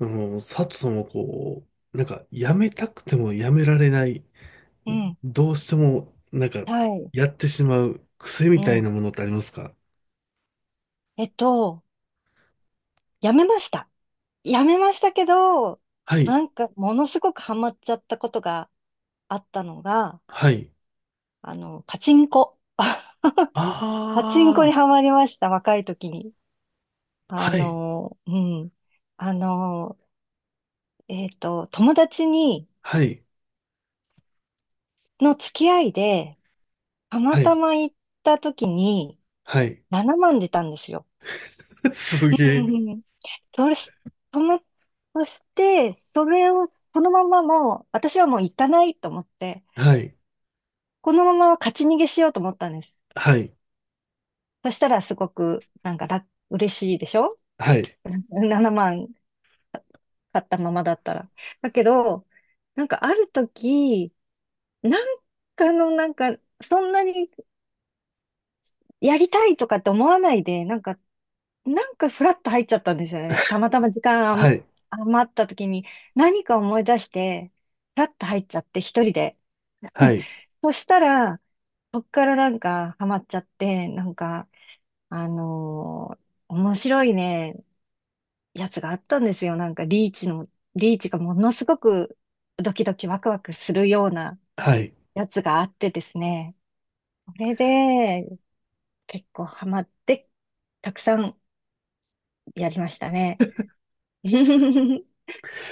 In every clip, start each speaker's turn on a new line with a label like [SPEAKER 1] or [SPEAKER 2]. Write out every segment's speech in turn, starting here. [SPEAKER 1] 佐藤さんはやめたくてもやめられない、
[SPEAKER 2] うん。
[SPEAKER 1] どうしても、
[SPEAKER 2] はい。
[SPEAKER 1] やってしまう癖み
[SPEAKER 2] う
[SPEAKER 1] たい
[SPEAKER 2] ん。
[SPEAKER 1] なものってありますか？
[SPEAKER 2] えっと、やめました。やめましたけど、
[SPEAKER 1] はい、
[SPEAKER 2] なんか、ものすごくハマっちゃったことがあったのが、
[SPEAKER 1] はい。
[SPEAKER 2] パチンコ。パチンコに
[SPEAKER 1] ああ、
[SPEAKER 2] ハマりました、若い時に。あ
[SPEAKER 1] はい、
[SPEAKER 2] の、うん。あの、友達に、
[SPEAKER 1] はい、
[SPEAKER 2] の付き合いで、たま
[SPEAKER 1] は
[SPEAKER 2] た
[SPEAKER 1] い、
[SPEAKER 2] ま行った時に、
[SPEAKER 1] はい。
[SPEAKER 2] 7万出たんですよ。
[SPEAKER 1] す
[SPEAKER 2] う
[SPEAKER 1] げえ。
[SPEAKER 2] んうんそし、その、そして、それを、そのままもう、私はもう行かないと思って、
[SPEAKER 1] はい、
[SPEAKER 2] このまま勝ち逃げしようと思ったんです。
[SPEAKER 1] はい、
[SPEAKER 2] そしたらすごく、なんか嬉しいでしょ
[SPEAKER 1] はい、
[SPEAKER 2] ?7 万 買ったままだったら。だけど、なんかある時、なんかの、なんか、そんなにやりたいとかって思わないで、なんかフラッと入っちゃったんですよね。たまたま時間
[SPEAKER 1] はい、
[SPEAKER 2] 余った時に何か思い出して、フラッと入っちゃって一人で。
[SPEAKER 1] はい、
[SPEAKER 2] そしたら、そっからなんかハマっちゃって、なんか、あのー面白いね、やつがあったんですよ。なんかリーチがものすごくドキドキワクワクするような
[SPEAKER 1] はい。
[SPEAKER 2] やつがあってですね。それで結構ハマって、たくさんやりましたね。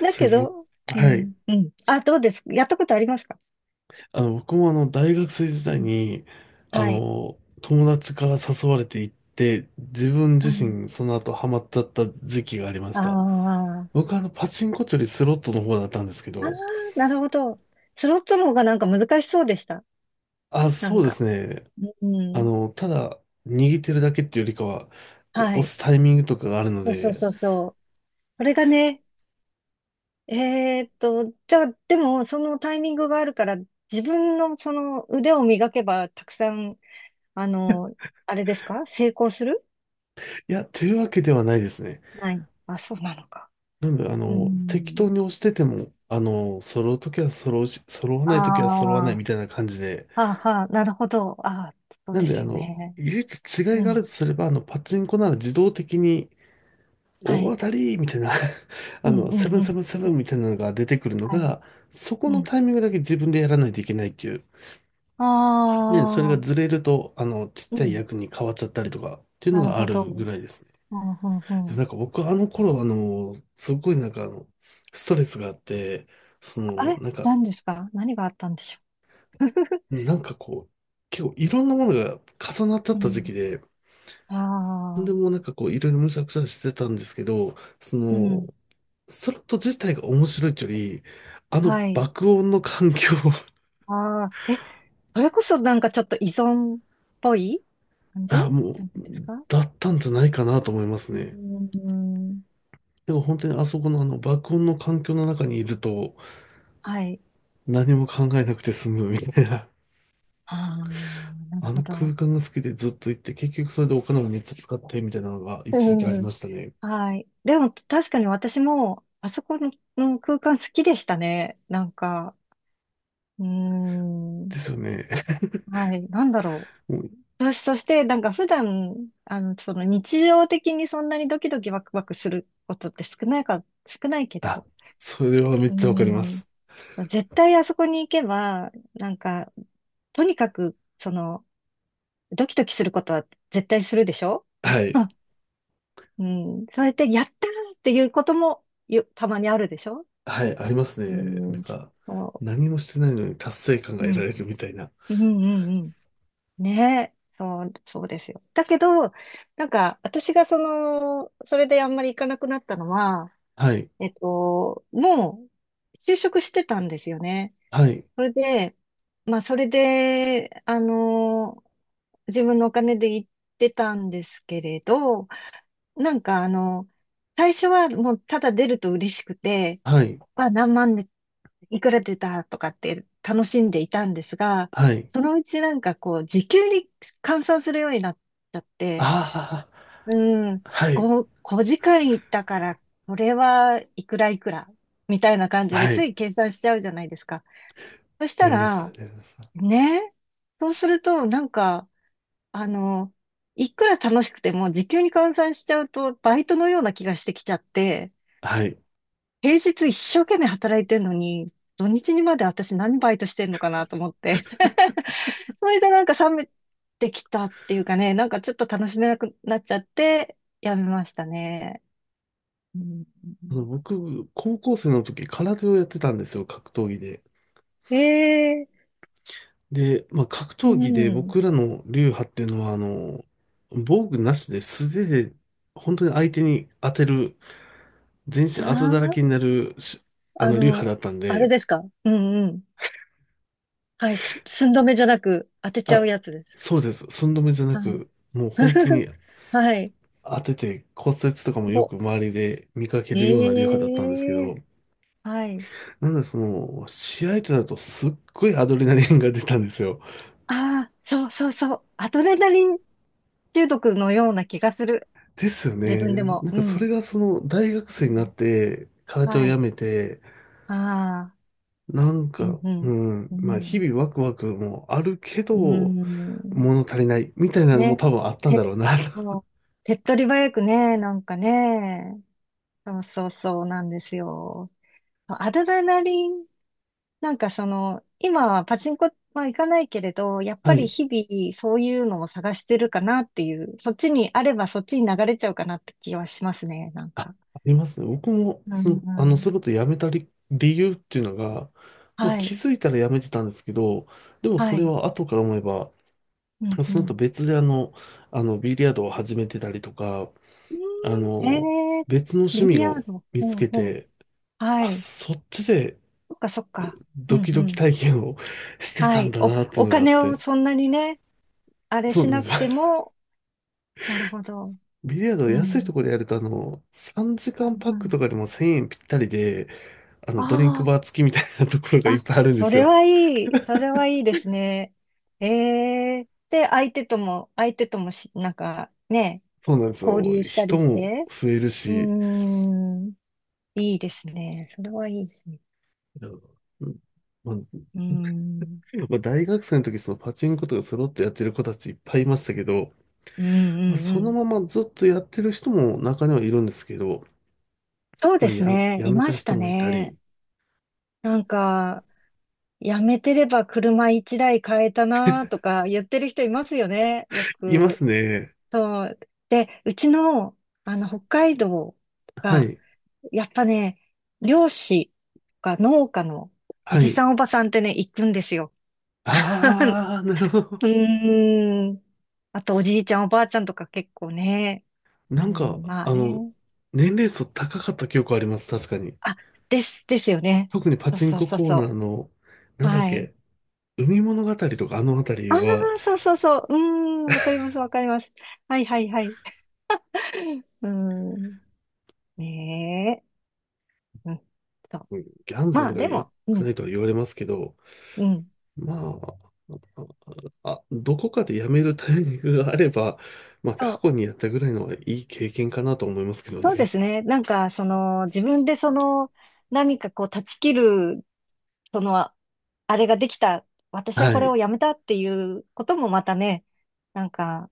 [SPEAKER 2] だ
[SPEAKER 1] それ
[SPEAKER 2] け
[SPEAKER 1] 僕、
[SPEAKER 2] ど、う
[SPEAKER 1] はい。
[SPEAKER 2] ん、うん。あ、どうです？やったことありますか？
[SPEAKER 1] 僕も大学生時
[SPEAKER 2] う
[SPEAKER 1] 代
[SPEAKER 2] ん。
[SPEAKER 1] に、
[SPEAKER 2] はい。
[SPEAKER 1] 友達から誘われて行って、自分
[SPEAKER 2] は
[SPEAKER 1] 自
[SPEAKER 2] い。
[SPEAKER 1] 身その後ハマっちゃった時期がありまし
[SPEAKER 2] あ
[SPEAKER 1] た。
[SPEAKER 2] あ。
[SPEAKER 1] 僕はパチンコというよりスロットの方だったんですけ
[SPEAKER 2] ああ、
[SPEAKER 1] ど、
[SPEAKER 2] なるほど。スロットの方がなんか難しそうでした。
[SPEAKER 1] あ、
[SPEAKER 2] な
[SPEAKER 1] そ
[SPEAKER 2] ん
[SPEAKER 1] うで
[SPEAKER 2] か。
[SPEAKER 1] すね。
[SPEAKER 2] うん。
[SPEAKER 1] ただ、握ってるだけっていうよりかは、こ
[SPEAKER 2] は
[SPEAKER 1] う、押
[SPEAKER 2] い。
[SPEAKER 1] すタイミングとかがあるの
[SPEAKER 2] そうそう
[SPEAKER 1] で、
[SPEAKER 2] そうそう。これがね、じゃあ、でも、そのタイミングがあるから、自分のその腕を磨けば、たくさん、あの、あれですか？成功する？
[SPEAKER 1] いや、というわけではないですね。
[SPEAKER 2] ない。あ、そうなのか。
[SPEAKER 1] なんで、
[SPEAKER 2] う
[SPEAKER 1] 適
[SPEAKER 2] ん。
[SPEAKER 1] 当に押してても、揃うときは揃うし、揃わな
[SPEAKER 2] あ
[SPEAKER 1] いときは揃わない
[SPEAKER 2] は
[SPEAKER 1] みたいな感じで、
[SPEAKER 2] あ、はあ、なるほど。ああ、そう
[SPEAKER 1] なん
[SPEAKER 2] で
[SPEAKER 1] で、
[SPEAKER 2] すよね。
[SPEAKER 1] 唯一違い
[SPEAKER 2] う
[SPEAKER 1] があ
[SPEAKER 2] ん。
[SPEAKER 1] るとすれば、パチンコなら自動的に、
[SPEAKER 2] は
[SPEAKER 1] 大当
[SPEAKER 2] い。
[SPEAKER 1] たりみたいな
[SPEAKER 2] うん、う
[SPEAKER 1] セ
[SPEAKER 2] ん、
[SPEAKER 1] ブン
[SPEAKER 2] う
[SPEAKER 1] セブ
[SPEAKER 2] ん。
[SPEAKER 1] ンセブ
[SPEAKER 2] うん
[SPEAKER 1] ンみたいなのが出てくるの
[SPEAKER 2] はい。
[SPEAKER 1] が、そこ
[SPEAKER 2] う
[SPEAKER 1] の
[SPEAKER 2] ん。
[SPEAKER 1] タイミングだけ自分でやらないといけないっていう。
[SPEAKER 2] あ
[SPEAKER 1] ね、それが
[SPEAKER 2] あ、
[SPEAKER 1] ずれると、ちっ
[SPEAKER 2] う
[SPEAKER 1] ちゃい
[SPEAKER 2] ん。
[SPEAKER 1] 役に変わっちゃったりとか、っていうの
[SPEAKER 2] なる
[SPEAKER 1] があ
[SPEAKER 2] ほど。
[SPEAKER 1] るぐらいですね。
[SPEAKER 2] うん、うん、う
[SPEAKER 1] でも
[SPEAKER 2] ん。
[SPEAKER 1] 僕あの頃、すごいストレスがあって、そ
[SPEAKER 2] あ
[SPEAKER 1] の、
[SPEAKER 2] れ
[SPEAKER 1] なんか、
[SPEAKER 2] 何ですか？何があったんでしょう。
[SPEAKER 1] なんかこう、結構いろんなものが重なっちゃっ
[SPEAKER 2] う
[SPEAKER 1] た時期で、
[SPEAKER 2] ん。
[SPEAKER 1] で
[SPEAKER 2] あ
[SPEAKER 1] も
[SPEAKER 2] あ、
[SPEAKER 1] いろいろむしゃくしゃしてたんですけど、
[SPEAKER 2] うん。
[SPEAKER 1] スロット自体が面白いというより、あの
[SPEAKER 2] はい。
[SPEAKER 1] 爆音の環境
[SPEAKER 2] ああ、え、それこそなんかちょっと依存っぽい 感じ
[SPEAKER 1] あ、も
[SPEAKER 2] じゃな
[SPEAKER 1] う、
[SPEAKER 2] いですか？
[SPEAKER 1] だったんじゃないかなと思います
[SPEAKER 2] う
[SPEAKER 1] ね。
[SPEAKER 2] ーん。
[SPEAKER 1] でも本当にあそこのあの爆音の環境の中にいると
[SPEAKER 2] はい。
[SPEAKER 1] 何も考えなくて済むみたいな。
[SPEAKER 2] ああ、なる
[SPEAKER 1] あ
[SPEAKER 2] ほ
[SPEAKER 1] の空
[SPEAKER 2] ど。
[SPEAKER 1] 間が好きでずっと行って、結局それでお金もめっちゃ使ってみたいなのが一時期あり
[SPEAKER 2] う
[SPEAKER 1] ま
[SPEAKER 2] ん。
[SPEAKER 1] したね。
[SPEAKER 2] はい。でも確かに私も、あそこの空間好きでしたね。なんか、うーん。
[SPEAKER 1] ですよね。
[SPEAKER 2] はい。なんだろ
[SPEAKER 1] もう
[SPEAKER 2] う。よし、そして、なんか普段、その日常的にそんなにドキドキワクワクすることって少ないけ
[SPEAKER 1] あ、
[SPEAKER 2] ど、
[SPEAKER 1] それはめっ
[SPEAKER 2] うー
[SPEAKER 1] ちゃわかりま
[SPEAKER 2] ん。
[SPEAKER 1] す。
[SPEAKER 2] 絶対あそこに行けば、なんか、とにかく、その、ドキドキすることは絶対するでしょ？
[SPEAKER 1] はい。
[SPEAKER 2] うん。それで、やったーっていうこともよ、たまにあるでしょ？
[SPEAKER 1] はい、あります
[SPEAKER 2] う
[SPEAKER 1] ね。
[SPEAKER 2] ん、そ
[SPEAKER 1] 何もしてないのに達成感が
[SPEAKER 2] う、う
[SPEAKER 1] 得ら
[SPEAKER 2] ん、
[SPEAKER 1] れるみたいな。
[SPEAKER 2] うん、うんうん。ねえ、そう、そうですよ。だけど、なんか、私がその、それであんまり行かなくなったのは、
[SPEAKER 1] はい、
[SPEAKER 2] もう、就職してたんですよね。
[SPEAKER 1] はい、
[SPEAKER 2] それで、まあ、それで、あの、自分のお金で行ってたんですけれど、なんか、最初はもう、ただ出ると嬉しくて、
[SPEAKER 1] はい、
[SPEAKER 2] は何万でいくら出たとかって楽しんでいたんですが、
[SPEAKER 1] はい。
[SPEAKER 2] そのうちなんかこう、時給に換算するようになっちゃって、
[SPEAKER 1] ああ、
[SPEAKER 2] うん、
[SPEAKER 1] はい、
[SPEAKER 2] 5時間行ったから、これはいくらいくら、みたいな感じで
[SPEAKER 1] は
[SPEAKER 2] つ
[SPEAKER 1] い。
[SPEAKER 2] い計算しちゃうじゃないですか。そした
[SPEAKER 1] やりました、
[SPEAKER 2] ら、
[SPEAKER 1] やりました。
[SPEAKER 2] ね、そうするとなんか、あの、いくら楽しくても時給に換算しちゃうとバイトのような気がしてきちゃって、
[SPEAKER 1] はい。
[SPEAKER 2] 平日一生懸命働いてんのに、土日にまで私何バイトしてんのかなと思って。それでなんか冷めてきたっていうかね、なんかちょっと楽しめなくなっちゃって、やめましたね。うん、
[SPEAKER 1] 僕、高校生の時、空手をやってたんですよ、格闘技で。
[SPEAKER 2] ええ
[SPEAKER 1] で、まあ、格
[SPEAKER 2] う
[SPEAKER 1] 闘技で
[SPEAKER 2] ん。
[SPEAKER 1] 僕らの流派っていうのは、防具なしで素手で、本当に相手に当てる、全身あざだらけ
[SPEAKER 2] あ
[SPEAKER 1] になるし、
[SPEAKER 2] あ、
[SPEAKER 1] 流派だったん
[SPEAKER 2] あれ
[SPEAKER 1] で、
[SPEAKER 2] ですか。うんうん。はい、寸止めじゃなく当てちゃ
[SPEAKER 1] あ、
[SPEAKER 2] うやつです。
[SPEAKER 1] そうです。寸止めじゃな
[SPEAKER 2] はい。
[SPEAKER 1] く、もう本当に
[SPEAKER 2] はい。
[SPEAKER 1] 当てて骨折とかもよ
[SPEAKER 2] お、
[SPEAKER 1] く周りで見かけ
[SPEAKER 2] え
[SPEAKER 1] るような流派だったんですけど、
[SPEAKER 2] えはい。
[SPEAKER 1] なので試合となるとすっごいアドレナリンが出たんですよ。
[SPEAKER 2] ああ、そうそうそう。アドレナリン中毒のような気がする。
[SPEAKER 1] ですよ
[SPEAKER 2] 自
[SPEAKER 1] ね。
[SPEAKER 2] 分でも。う
[SPEAKER 1] それ
[SPEAKER 2] ん。
[SPEAKER 1] が大学
[SPEAKER 2] う
[SPEAKER 1] 生にな
[SPEAKER 2] ん。
[SPEAKER 1] って、空手を
[SPEAKER 2] は
[SPEAKER 1] や
[SPEAKER 2] い。
[SPEAKER 1] めて、
[SPEAKER 2] ああ。うん、う
[SPEAKER 1] う
[SPEAKER 2] ん。
[SPEAKER 1] ん、
[SPEAKER 2] う
[SPEAKER 1] まあ日
[SPEAKER 2] ん。
[SPEAKER 1] 々ワクワクもあるけ
[SPEAKER 2] うー
[SPEAKER 1] ど、
[SPEAKER 2] ん。
[SPEAKER 1] 物足りないみたいなのも
[SPEAKER 2] ね。
[SPEAKER 1] 多分あったんだ
[SPEAKER 2] て、
[SPEAKER 1] ろうな。
[SPEAKER 2] もう、手っ取り早くね、なんかね。そうそうそうなんですよ。アドレナリン、なんかその、今はパチンコは行かないけれど、やっ
[SPEAKER 1] は
[SPEAKER 2] ぱり
[SPEAKER 1] い。
[SPEAKER 2] 日々そういうのを探してるかなっていう、そっちにあればそっちに流れちゃうかなって気はしますね、なん
[SPEAKER 1] ああ
[SPEAKER 2] か。
[SPEAKER 1] りますね。僕も、
[SPEAKER 2] うんう
[SPEAKER 1] そ
[SPEAKER 2] ん。
[SPEAKER 1] れこそ辞めた理由っていうのが、まあ、
[SPEAKER 2] は
[SPEAKER 1] 気
[SPEAKER 2] い。
[SPEAKER 1] づいたら辞めてたんですけど、でもそ
[SPEAKER 2] は
[SPEAKER 1] れ
[SPEAKER 2] い。
[SPEAKER 1] は後から思えば、
[SPEAKER 2] うんう
[SPEAKER 1] その後
[SPEAKER 2] ん。
[SPEAKER 1] 別でビリヤードを始めてたりとか、
[SPEAKER 2] う
[SPEAKER 1] あ
[SPEAKER 2] ーん、
[SPEAKER 1] の、
[SPEAKER 2] えー、
[SPEAKER 1] 別の趣
[SPEAKER 2] ビリ
[SPEAKER 1] 味
[SPEAKER 2] ヤ
[SPEAKER 1] を
[SPEAKER 2] ード。
[SPEAKER 1] 見つ
[SPEAKER 2] ほう
[SPEAKER 1] け
[SPEAKER 2] ほう。
[SPEAKER 1] て、
[SPEAKER 2] は
[SPEAKER 1] あ、
[SPEAKER 2] い。
[SPEAKER 1] そっちで
[SPEAKER 2] そっかそっか。う
[SPEAKER 1] ド
[SPEAKER 2] ん
[SPEAKER 1] キ
[SPEAKER 2] う
[SPEAKER 1] ドキ
[SPEAKER 2] ん。
[SPEAKER 1] 体験を して
[SPEAKER 2] は
[SPEAKER 1] たん
[SPEAKER 2] い。
[SPEAKER 1] だなっていう
[SPEAKER 2] お
[SPEAKER 1] のがあっ
[SPEAKER 2] 金
[SPEAKER 1] て、
[SPEAKER 2] をそんなにね、あれ
[SPEAKER 1] そう
[SPEAKER 2] し
[SPEAKER 1] なんで
[SPEAKER 2] な
[SPEAKER 1] す。
[SPEAKER 2] くて も、なるほど。
[SPEAKER 1] ビリヤードは
[SPEAKER 2] うん。う
[SPEAKER 1] 安い
[SPEAKER 2] ん
[SPEAKER 1] ところでやると、3時間パッ
[SPEAKER 2] う
[SPEAKER 1] ク
[SPEAKER 2] ん。
[SPEAKER 1] とかでも1000円ぴったりで、ドリンクバー
[SPEAKER 2] あ
[SPEAKER 1] 付きみたいなところが
[SPEAKER 2] あ、
[SPEAKER 1] いっぱいあ
[SPEAKER 2] あ、
[SPEAKER 1] るんで
[SPEAKER 2] そ
[SPEAKER 1] す
[SPEAKER 2] れ
[SPEAKER 1] よ。
[SPEAKER 2] はいい。それはいいですね。ええで、相手ともし、なんかね、
[SPEAKER 1] そうなんです
[SPEAKER 2] 交
[SPEAKER 1] よ。
[SPEAKER 2] 流した
[SPEAKER 1] 人
[SPEAKER 2] りし
[SPEAKER 1] も
[SPEAKER 2] て。
[SPEAKER 1] 増える
[SPEAKER 2] う
[SPEAKER 1] し、
[SPEAKER 2] ーん、いいですね。それはいいですね。
[SPEAKER 1] うんまあ、
[SPEAKER 2] うーん。
[SPEAKER 1] まあ大学生の時そのパチンコとかスロットやってる子たちいっぱいいましたけど、
[SPEAKER 2] うん
[SPEAKER 1] まあ、
[SPEAKER 2] うんう
[SPEAKER 1] その
[SPEAKER 2] ん。
[SPEAKER 1] ままずっとやってる人も中にはいるんですけど、
[SPEAKER 2] そう
[SPEAKER 1] ま
[SPEAKER 2] で
[SPEAKER 1] あ、
[SPEAKER 2] すね。
[SPEAKER 1] や
[SPEAKER 2] い
[SPEAKER 1] め
[SPEAKER 2] ま
[SPEAKER 1] た
[SPEAKER 2] し
[SPEAKER 1] 人
[SPEAKER 2] た
[SPEAKER 1] もいた
[SPEAKER 2] ね。
[SPEAKER 1] り、
[SPEAKER 2] なんか、やめてれば車一台買えたなとか言ってる人いますよね。よ
[SPEAKER 1] いま
[SPEAKER 2] く。
[SPEAKER 1] すね。
[SPEAKER 2] そう。で、うちの、北海道
[SPEAKER 1] は
[SPEAKER 2] が、
[SPEAKER 1] い。
[SPEAKER 2] やっぱね、漁師とか農家のお
[SPEAKER 1] は
[SPEAKER 2] じ
[SPEAKER 1] い。
[SPEAKER 2] さんおばさんってね、行くんですよ。
[SPEAKER 1] ああ、なるほど。
[SPEAKER 2] うーん。あと、おじいちゃんおばあちゃんとか結構ね。う
[SPEAKER 1] なんか、
[SPEAKER 2] ん、まあ
[SPEAKER 1] あの、
[SPEAKER 2] ね。
[SPEAKER 1] 年齢層高かった記憶あります。確かに。
[SPEAKER 2] あ、ですよね。
[SPEAKER 1] 特にパ
[SPEAKER 2] そう
[SPEAKER 1] チン
[SPEAKER 2] そう
[SPEAKER 1] コ
[SPEAKER 2] そう
[SPEAKER 1] コー
[SPEAKER 2] そ
[SPEAKER 1] ナーの、な
[SPEAKER 2] う。
[SPEAKER 1] んだっ
[SPEAKER 2] はい。
[SPEAKER 1] け、海物語とかあのあたり
[SPEAKER 2] ああ、
[SPEAKER 1] は、
[SPEAKER 2] そうそうそう。うーん、わかります、わかります。はい、はい、はい。うーん。ねえ。うん。そう。
[SPEAKER 1] うん、ギャンブ
[SPEAKER 2] まあ、
[SPEAKER 1] ルが
[SPEAKER 2] で
[SPEAKER 1] 良
[SPEAKER 2] も、う
[SPEAKER 1] く
[SPEAKER 2] ん、
[SPEAKER 1] ないとは言われますけど、
[SPEAKER 2] うん。
[SPEAKER 1] まあ、あ、どこかでやめるタイミングがあれば、まあ、
[SPEAKER 2] そ
[SPEAKER 1] 過
[SPEAKER 2] う。
[SPEAKER 1] 去にやったぐらいのはいい経験かなと思いますけど
[SPEAKER 2] そうで
[SPEAKER 1] ね。
[SPEAKER 2] すね。なんか、その、自分でその、何かこう、断ち切る、その、あれができた、私は
[SPEAKER 1] は
[SPEAKER 2] これを
[SPEAKER 1] い。
[SPEAKER 2] やめたっていうこともまたね、なんか、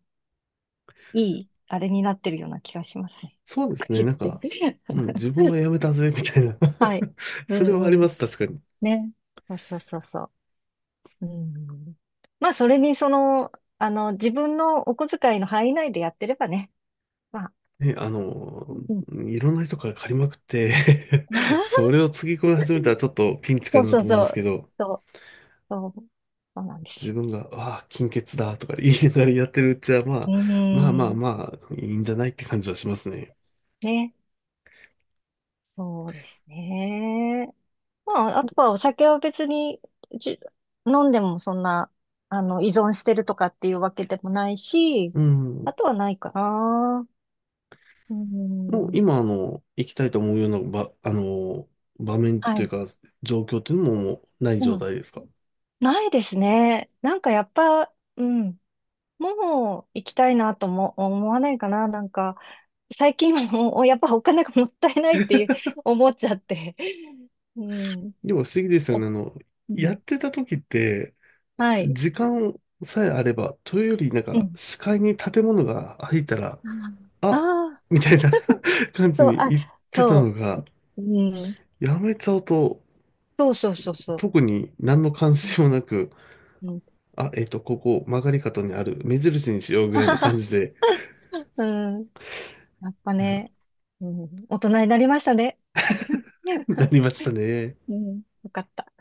[SPEAKER 2] いい、あれになってるような気がしますね。
[SPEAKER 1] そうで
[SPEAKER 2] とか
[SPEAKER 1] すね。
[SPEAKER 2] 言って。
[SPEAKER 1] うん、自分はやめ たぜ、みたいな
[SPEAKER 2] はい。う
[SPEAKER 1] それはあり
[SPEAKER 2] んう
[SPEAKER 1] ま
[SPEAKER 2] ん。
[SPEAKER 1] す、確かに。
[SPEAKER 2] ね。そうそうそうそう。うん。まあ、それに、その、自分のお小遣いの範囲内でやってればね。まあ、
[SPEAKER 1] ね、
[SPEAKER 2] うん。
[SPEAKER 1] いろんな人から借りまくって そ れをつぎ込み始めたらちょっとピンチか
[SPEAKER 2] そう
[SPEAKER 1] な
[SPEAKER 2] そ
[SPEAKER 1] と
[SPEAKER 2] う
[SPEAKER 1] 思い
[SPEAKER 2] そ
[SPEAKER 1] ますけ
[SPEAKER 2] う。
[SPEAKER 1] ど、
[SPEAKER 2] そう、そう、そうなんです
[SPEAKER 1] 自
[SPEAKER 2] よ。
[SPEAKER 1] 分が、ああ、金欠だとか言いながらやってるうちは、まあ、
[SPEAKER 2] う
[SPEAKER 1] まあまあ
[SPEAKER 2] ん。
[SPEAKER 1] まあ、いいんじゃないって感じはしますね。
[SPEAKER 2] ね。そうですね。まあ、あとはお酒は別に、じ、飲んでもそんな、依存してるとかっていうわけでもないし、
[SPEAKER 1] う
[SPEAKER 2] あ
[SPEAKER 1] ん。
[SPEAKER 2] とはないかな。う
[SPEAKER 1] もう
[SPEAKER 2] ん。
[SPEAKER 1] 今、行きたいと思うような場、あの、場面
[SPEAKER 2] は
[SPEAKER 1] とい
[SPEAKER 2] い。
[SPEAKER 1] うか、状況っていうのももうない
[SPEAKER 2] う
[SPEAKER 1] 状
[SPEAKER 2] ん。
[SPEAKER 1] 態ですか？
[SPEAKER 2] ないですね。なんかやっぱ、うん。もう行きたいなとも思わないかな。なんか、最近はもう、やっぱお金がもったいないっていう思っちゃって。うん。
[SPEAKER 1] でも不思議ですよ
[SPEAKER 2] お、
[SPEAKER 1] ね。
[SPEAKER 2] う
[SPEAKER 1] やっ
[SPEAKER 2] ん。
[SPEAKER 1] てた時って、
[SPEAKER 2] はい。
[SPEAKER 1] 時間さえあれば、というより、
[SPEAKER 2] うん。
[SPEAKER 1] 視界に建物が入ったら、あ、
[SPEAKER 2] ああ
[SPEAKER 1] みたいな 感じ
[SPEAKER 2] そう、
[SPEAKER 1] に
[SPEAKER 2] あ、
[SPEAKER 1] 言ってたの
[SPEAKER 2] そ
[SPEAKER 1] が、
[SPEAKER 2] う。うん。
[SPEAKER 1] やめちゃうと、
[SPEAKER 2] そうそうそうそう。
[SPEAKER 1] 特に何の関心もなく、
[SPEAKER 2] うん。
[SPEAKER 1] あ、ここ、曲がり角にある、目印にしようぐ
[SPEAKER 2] は
[SPEAKER 1] らいの
[SPEAKER 2] は
[SPEAKER 1] 感
[SPEAKER 2] は。
[SPEAKER 1] じで、
[SPEAKER 2] うん。やっぱね、うん、大人になりましたね。
[SPEAKER 1] な りましたね。
[SPEAKER 2] うん。よかった。